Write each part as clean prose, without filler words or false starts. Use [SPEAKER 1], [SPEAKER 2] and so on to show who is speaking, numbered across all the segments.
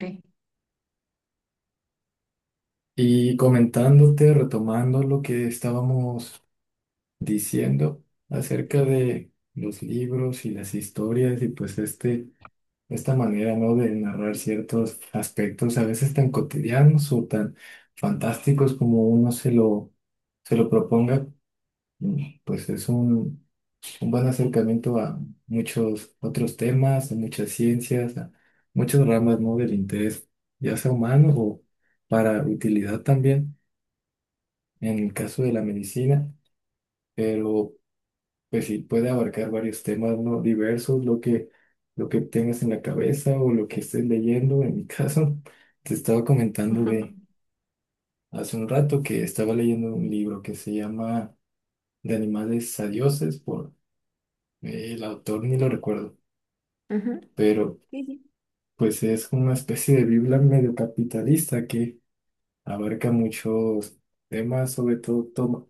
[SPEAKER 1] Sí.
[SPEAKER 2] Y comentándote, retomando lo que estábamos diciendo acerca de los libros y las historias, y pues esta manera, ¿no?, de narrar ciertos aspectos a veces tan cotidianos o tan fantásticos como uno se lo proponga. Pues es un buen acercamiento a muchos otros temas, a muchas ciencias, a muchas ramas, ¿no?, del interés, ya sea humano o para utilidad también, en el caso de la medicina. Pero pues sí, puede abarcar varios temas, ¿no? Diversos, lo que tengas en la cabeza o lo que estés leyendo. En mi caso, te estaba comentando de hace un rato, que estaba leyendo un libro que se llama De animales a dioses, por el autor, ni lo recuerdo,
[SPEAKER 1] Ujú.
[SPEAKER 2] pero
[SPEAKER 1] Sí, sí.
[SPEAKER 2] pues es una especie de Biblia medio capitalista que abarca muchos temas, sobre todo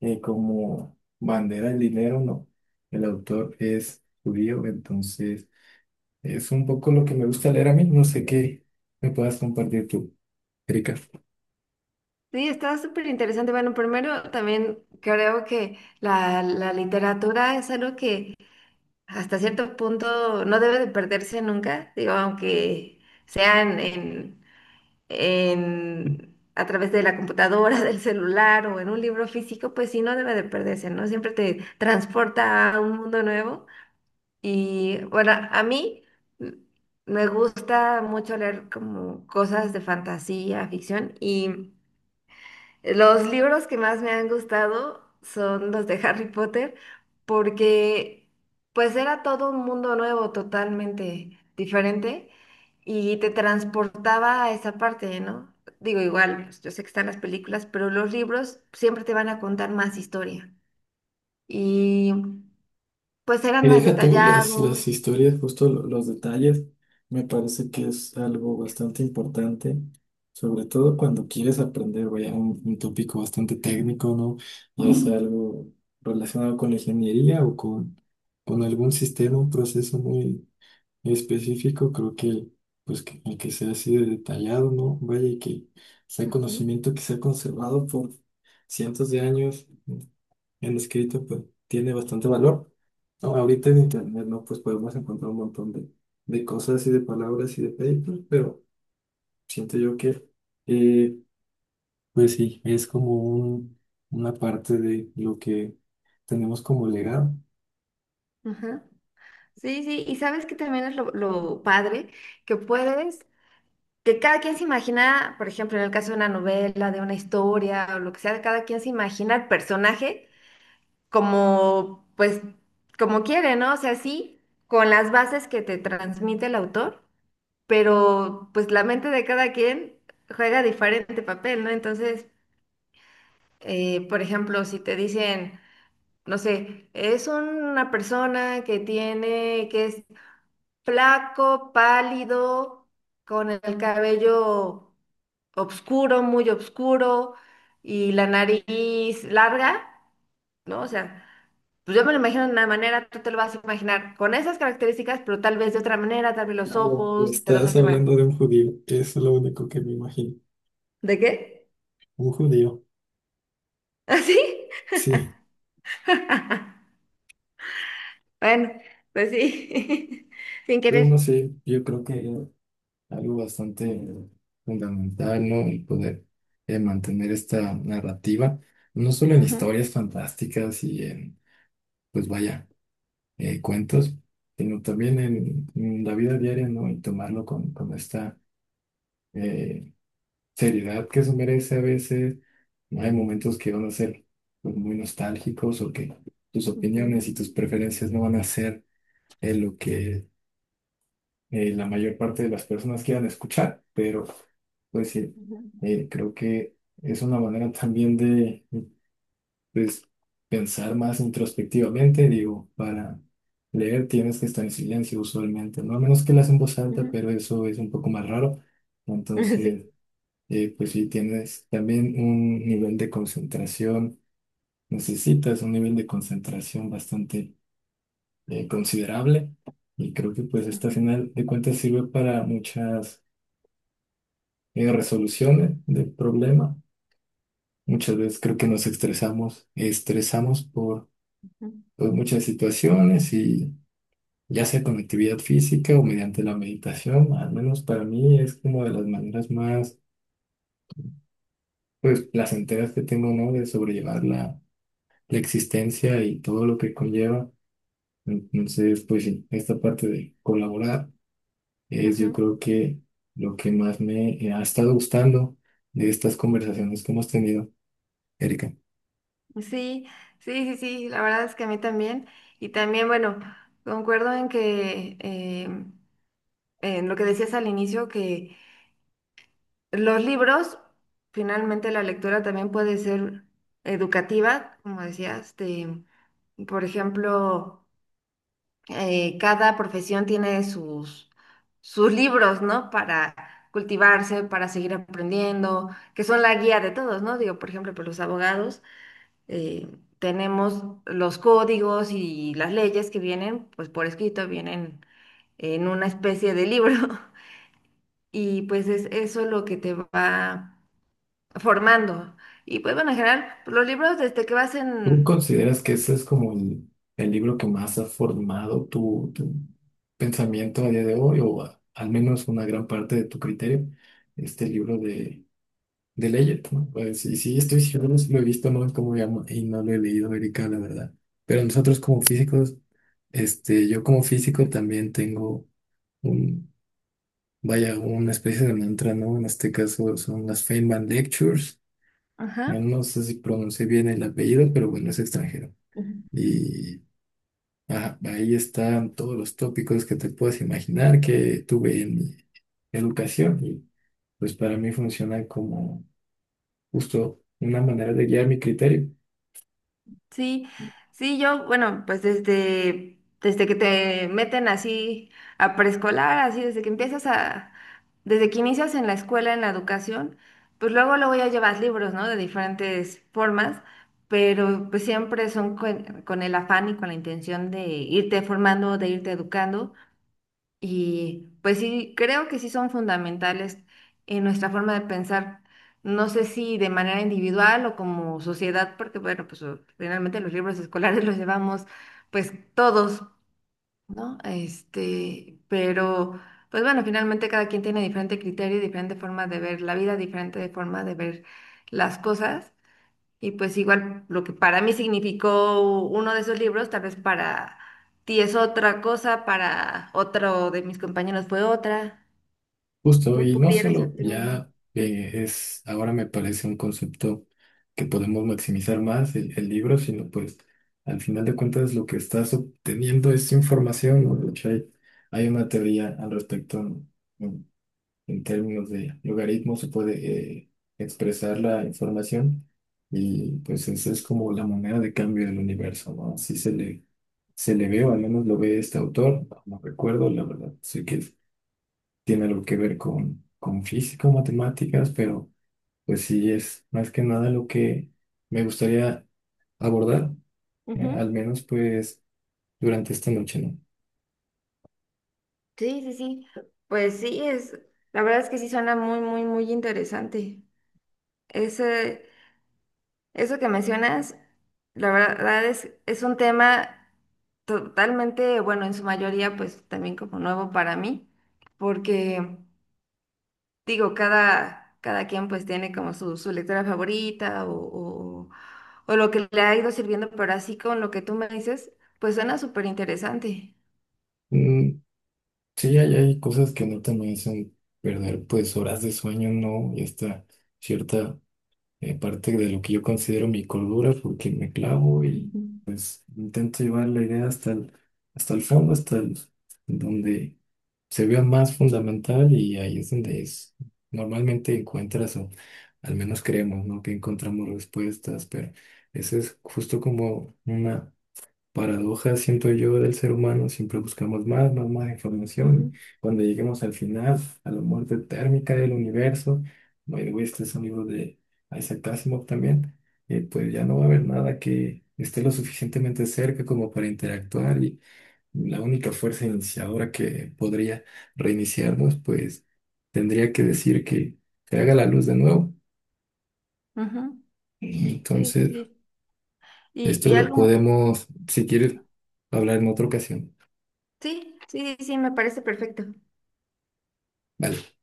[SPEAKER 2] como bandera el dinero, no. El autor es judío, entonces es un poco lo que me gusta leer a mí. No sé qué me puedas compartir tú, Erika.
[SPEAKER 1] Sí, está súper interesante. Bueno, primero también creo que la literatura es algo que hasta cierto punto no debe de perderse nunca, digo, aunque sean en- a través de la computadora, del celular o en un libro físico, pues sí, no debe de perderse, ¿no? Siempre te transporta a un mundo nuevo. Y bueno, a mí mm, me gusta mucho leer como cosas de fantasía, ficción, y los libros que más me han gustado son los de Harry Potter, porque pues era todo un mundo nuevo, totalmente diferente, y te transportaba a esa parte, ¿no? Digo, igual, pues, yo sé que están las películas, pero los libros siempre te van a contar más historia. Y pues
[SPEAKER 2] Y
[SPEAKER 1] eran más
[SPEAKER 2] deja tú las
[SPEAKER 1] detallados.
[SPEAKER 2] historias, justo los detalles. Me parece que es algo bastante importante, sobre todo cuando quieres aprender, vaya, un tópico bastante técnico, ¿no? Ya sea algo relacionado con la ingeniería o con algún sistema, un proceso muy específico. Creo que el que sea así de detallado, ¿no? Vaya, y que sea
[SPEAKER 1] Ujú.
[SPEAKER 2] conocimiento que se ha conservado por cientos de años en escrito, pues tiene bastante valor. No, ahorita en internet, ¿no?, pues podemos encontrar un montón de cosas y de palabras y de papers, pero siento yo que, eh, pues sí, es como una parte de lo que tenemos como legado.
[SPEAKER 1] Ajá. Sí, sí, y sabes que también es lo padre que puedes, que cada quien se imagina, por ejemplo, en el caso de una novela, de una historia o lo que sea, cada quien se imagina el personaje como, pues, como quiere, ¿no? O sea, sí, con las bases que te transmite el autor, pero pues la mente de cada quien juega diferente papel, ¿no? Entonces, por ejemplo, si te dicen no sé, es una persona que tiene, que es flaco, pálido, con el cabello oscuro, muy oscuro, y la nariz larga, ¿no? O sea, pues yo me lo imagino de una manera, tú te lo vas a imaginar con esas características, pero tal vez de otra manera, tal vez los
[SPEAKER 2] Claro,
[SPEAKER 1] ojos, te los
[SPEAKER 2] estás
[SPEAKER 1] hace más.
[SPEAKER 2] hablando de un judío, es lo único que me imagino,
[SPEAKER 1] ¿De qué?
[SPEAKER 2] un judío.
[SPEAKER 1] ¿Así?
[SPEAKER 2] Sí,
[SPEAKER 1] Bueno, pues sí, sin
[SPEAKER 2] pero no
[SPEAKER 1] querer.
[SPEAKER 2] sé, yo creo que es algo bastante fundamental, ¿no? El poder, mantener esta narrativa, no solo en
[SPEAKER 1] Ujú,
[SPEAKER 2] historias fantásticas y en, pues vaya, cuentos, sino también en la vida diaria, ¿no?, y tomarlo con esta eh, seriedad que eso merece a veces. Hay
[SPEAKER 1] ujú,
[SPEAKER 2] momentos que van a ser pues muy nostálgicos, o que tus
[SPEAKER 1] ujú,
[SPEAKER 2] opiniones y tus preferencias no van a ser lo que la mayor parte de las personas quieran escuchar, pero pues sí,
[SPEAKER 1] ujú,
[SPEAKER 2] creo que es una manera también de, pues, pensar más introspectivamente. Digo, para leer tienes que estar en silencio usualmente, ¿no? A menos que leas en voz alta,
[SPEAKER 1] ujú.
[SPEAKER 2] pero eso es un poco más raro.
[SPEAKER 1] Sí.
[SPEAKER 2] Entonces, pues sí, tienes también un nivel de concentración, necesitas un nivel de concentración bastante considerable. Y creo que pues esta, al
[SPEAKER 1] Ujú,
[SPEAKER 2] final de cuentas, sirve para muchas resoluciones del problema. Muchas veces creo que nos estresamos
[SPEAKER 1] ujú,
[SPEAKER 2] por muchas situaciones, y ya sea con actividad física o mediante la meditación, al menos para mí es como de las maneras más pues placenteras que tengo, ¿no?, de sobrellevar la existencia y todo lo que conlleva. Entonces, pues sí, esta parte de colaborar es, yo
[SPEAKER 1] ujú.
[SPEAKER 2] creo que, lo que más me ha estado gustando de estas conversaciones que hemos tenido, Erika.
[SPEAKER 1] Sí, sí, sí, sí, la verdad es que a mí también. Y también, bueno, concuerdo en que, en lo que decías al inicio, que los libros, finalmente la lectura también puede ser educativa, como decías. Este, por ejemplo, cada profesión tiene sus libros, ¿no? Para cultivarse, para seguir aprendiendo, que son la guía de todos, ¿no? Digo, por ejemplo, por los abogados eh, tenemos los códigos y las leyes que vienen, pues por escrito, vienen en una especie de libro. Y pues es eso lo que te va formando. Y pues bueno, en general, los libros desde que vas
[SPEAKER 2] ¿Tú
[SPEAKER 1] en...
[SPEAKER 2] consideras que ese es como el libro que más ha formado tu pensamiento a día de hoy, o al menos una gran parte de tu criterio? Este libro de Leggett, ¿no? Pues, y sí, estoy seguro, si lo he visto, no es como llamo, y no lo he leído, Erika, la verdad. Pero nosotros como físicos, este, yo como físico también tengo un, vaya, una especie de mantra, ¿no? En este caso son las Feynman Lectures. Yo
[SPEAKER 1] Ajá.
[SPEAKER 2] no sé si pronuncié bien el apellido, pero bueno, es extranjero. Ah, ahí están todos los tópicos que te puedes imaginar que tuve en mi educación, y pues para mí funciona como justo una manera de guiar mi criterio.
[SPEAKER 1] Sí, sí, yo, bueno, pues desde que te meten así a preescolar, así desde que empiezas a, desde que inicias en la escuela, en la educación, pues luego luego ya llevas libros, ¿no? De diferentes formas, pero pues siempre son con el afán y con la intención de irte formando, de irte educando. Y pues sí, creo que sí son fundamentales en nuestra forma de pensar. No sé si de manera individual o como sociedad, porque bueno, pues o- finalmente los libros escolares los llevamos pues todos, ¿no? Este, pero pues bueno, finalmente cada quien tiene diferente criterio y diferente forma de ver la vida, diferente forma de ver las cosas. Y pues igual lo que para mí significó uno de esos libros, tal vez para ti es otra cosa, para otro de mis compañeros fue otra,
[SPEAKER 2] Justo,
[SPEAKER 1] ¿no?
[SPEAKER 2] y no
[SPEAKER 1] Pudiera ser
[SPEAKER 2] solo,
[SPEAKER 1] también.
[SPEAKER 2] ya es, ahora me parece un concepto que podemos maximizar más el libro, sino pues al final de cuentas lo que estás obteniendo es información, ¿no? De hecho, hay una teoría al respecto, ¿no?, en términos de logaritmo se puede expresar la información, y pues esa es como la moneda de cambio del universo, ¿no? Así se le ve, o al menos lo ve este autor, no recuerdo, la verdad, sé que tiene algo que ver con física o matemáticas, pero pues sí, es más que nada lo que me gustaría abordar,
[SPEAKER 1] Ujú.
[SPEAKER 2] al menos pues durante esta noche, ¿no?
[SPEAKER 1] Sí, sí, sí. Pues sí, es, la verdad es que sí suena muy, muy, muy interesante. Ese, eso que mencionas, la verdad es un tema totalmente, bueno, en su mayoría, pues también como nuevo para mí, porque digo, cada quien pues tiene como su lectora favorita o lo que le ha ido sirviendo, pero así con lo que tú me dices, pues suena súper interesante.
[SPEAKER 2] Mm, sí, hay cosas que neta me hacen perder pues horas de sueño, ¿no?, y esta cierta parte de lo que yo considero mi cordura, porque me clavo y
[SPEAKER 1] Ujú,
[SPEAKER 2] intento llevar la idea hasta hasta el fondo, hasta donde se vea más fundamental, y ahí es donde es, normalmente encuentras, o al menos creemos, ¿no?, que encontramos respuestas. Pero eso es justo como una paradoja, siento yo, del ser humano: siempre buscamos más, más, más
[SPEAKER 1] ujú,
[SPEAKER 2] información. Cuando lleguemos al final, a la muerte térmica del universo, by the way, este es un libro de Isaac Asimov también, pues ya no va a haber nada que esté lo suficientemente cerca como para interactuar, y la única fuerza iniciadora que podría reiniciarnos, pues tendría que decir que se haga la luz de nuevo.
[SPEAKER 1] ujú. Sí, sí,
[SPEAKER 2] Entonces,
[SPEAKER 1] sí.
[SPEAKER 2] esto
[SPEAKER 1] Y
[SPEAKER 2] lo
[SPEAKER 1] algo,
[SPEAKER 2] podemos, si quieres, hablar en otra ocasión.
[SPEAKER 1] sí, sí, sí, me parece perfecto.
[SPEAKER 2] Vale.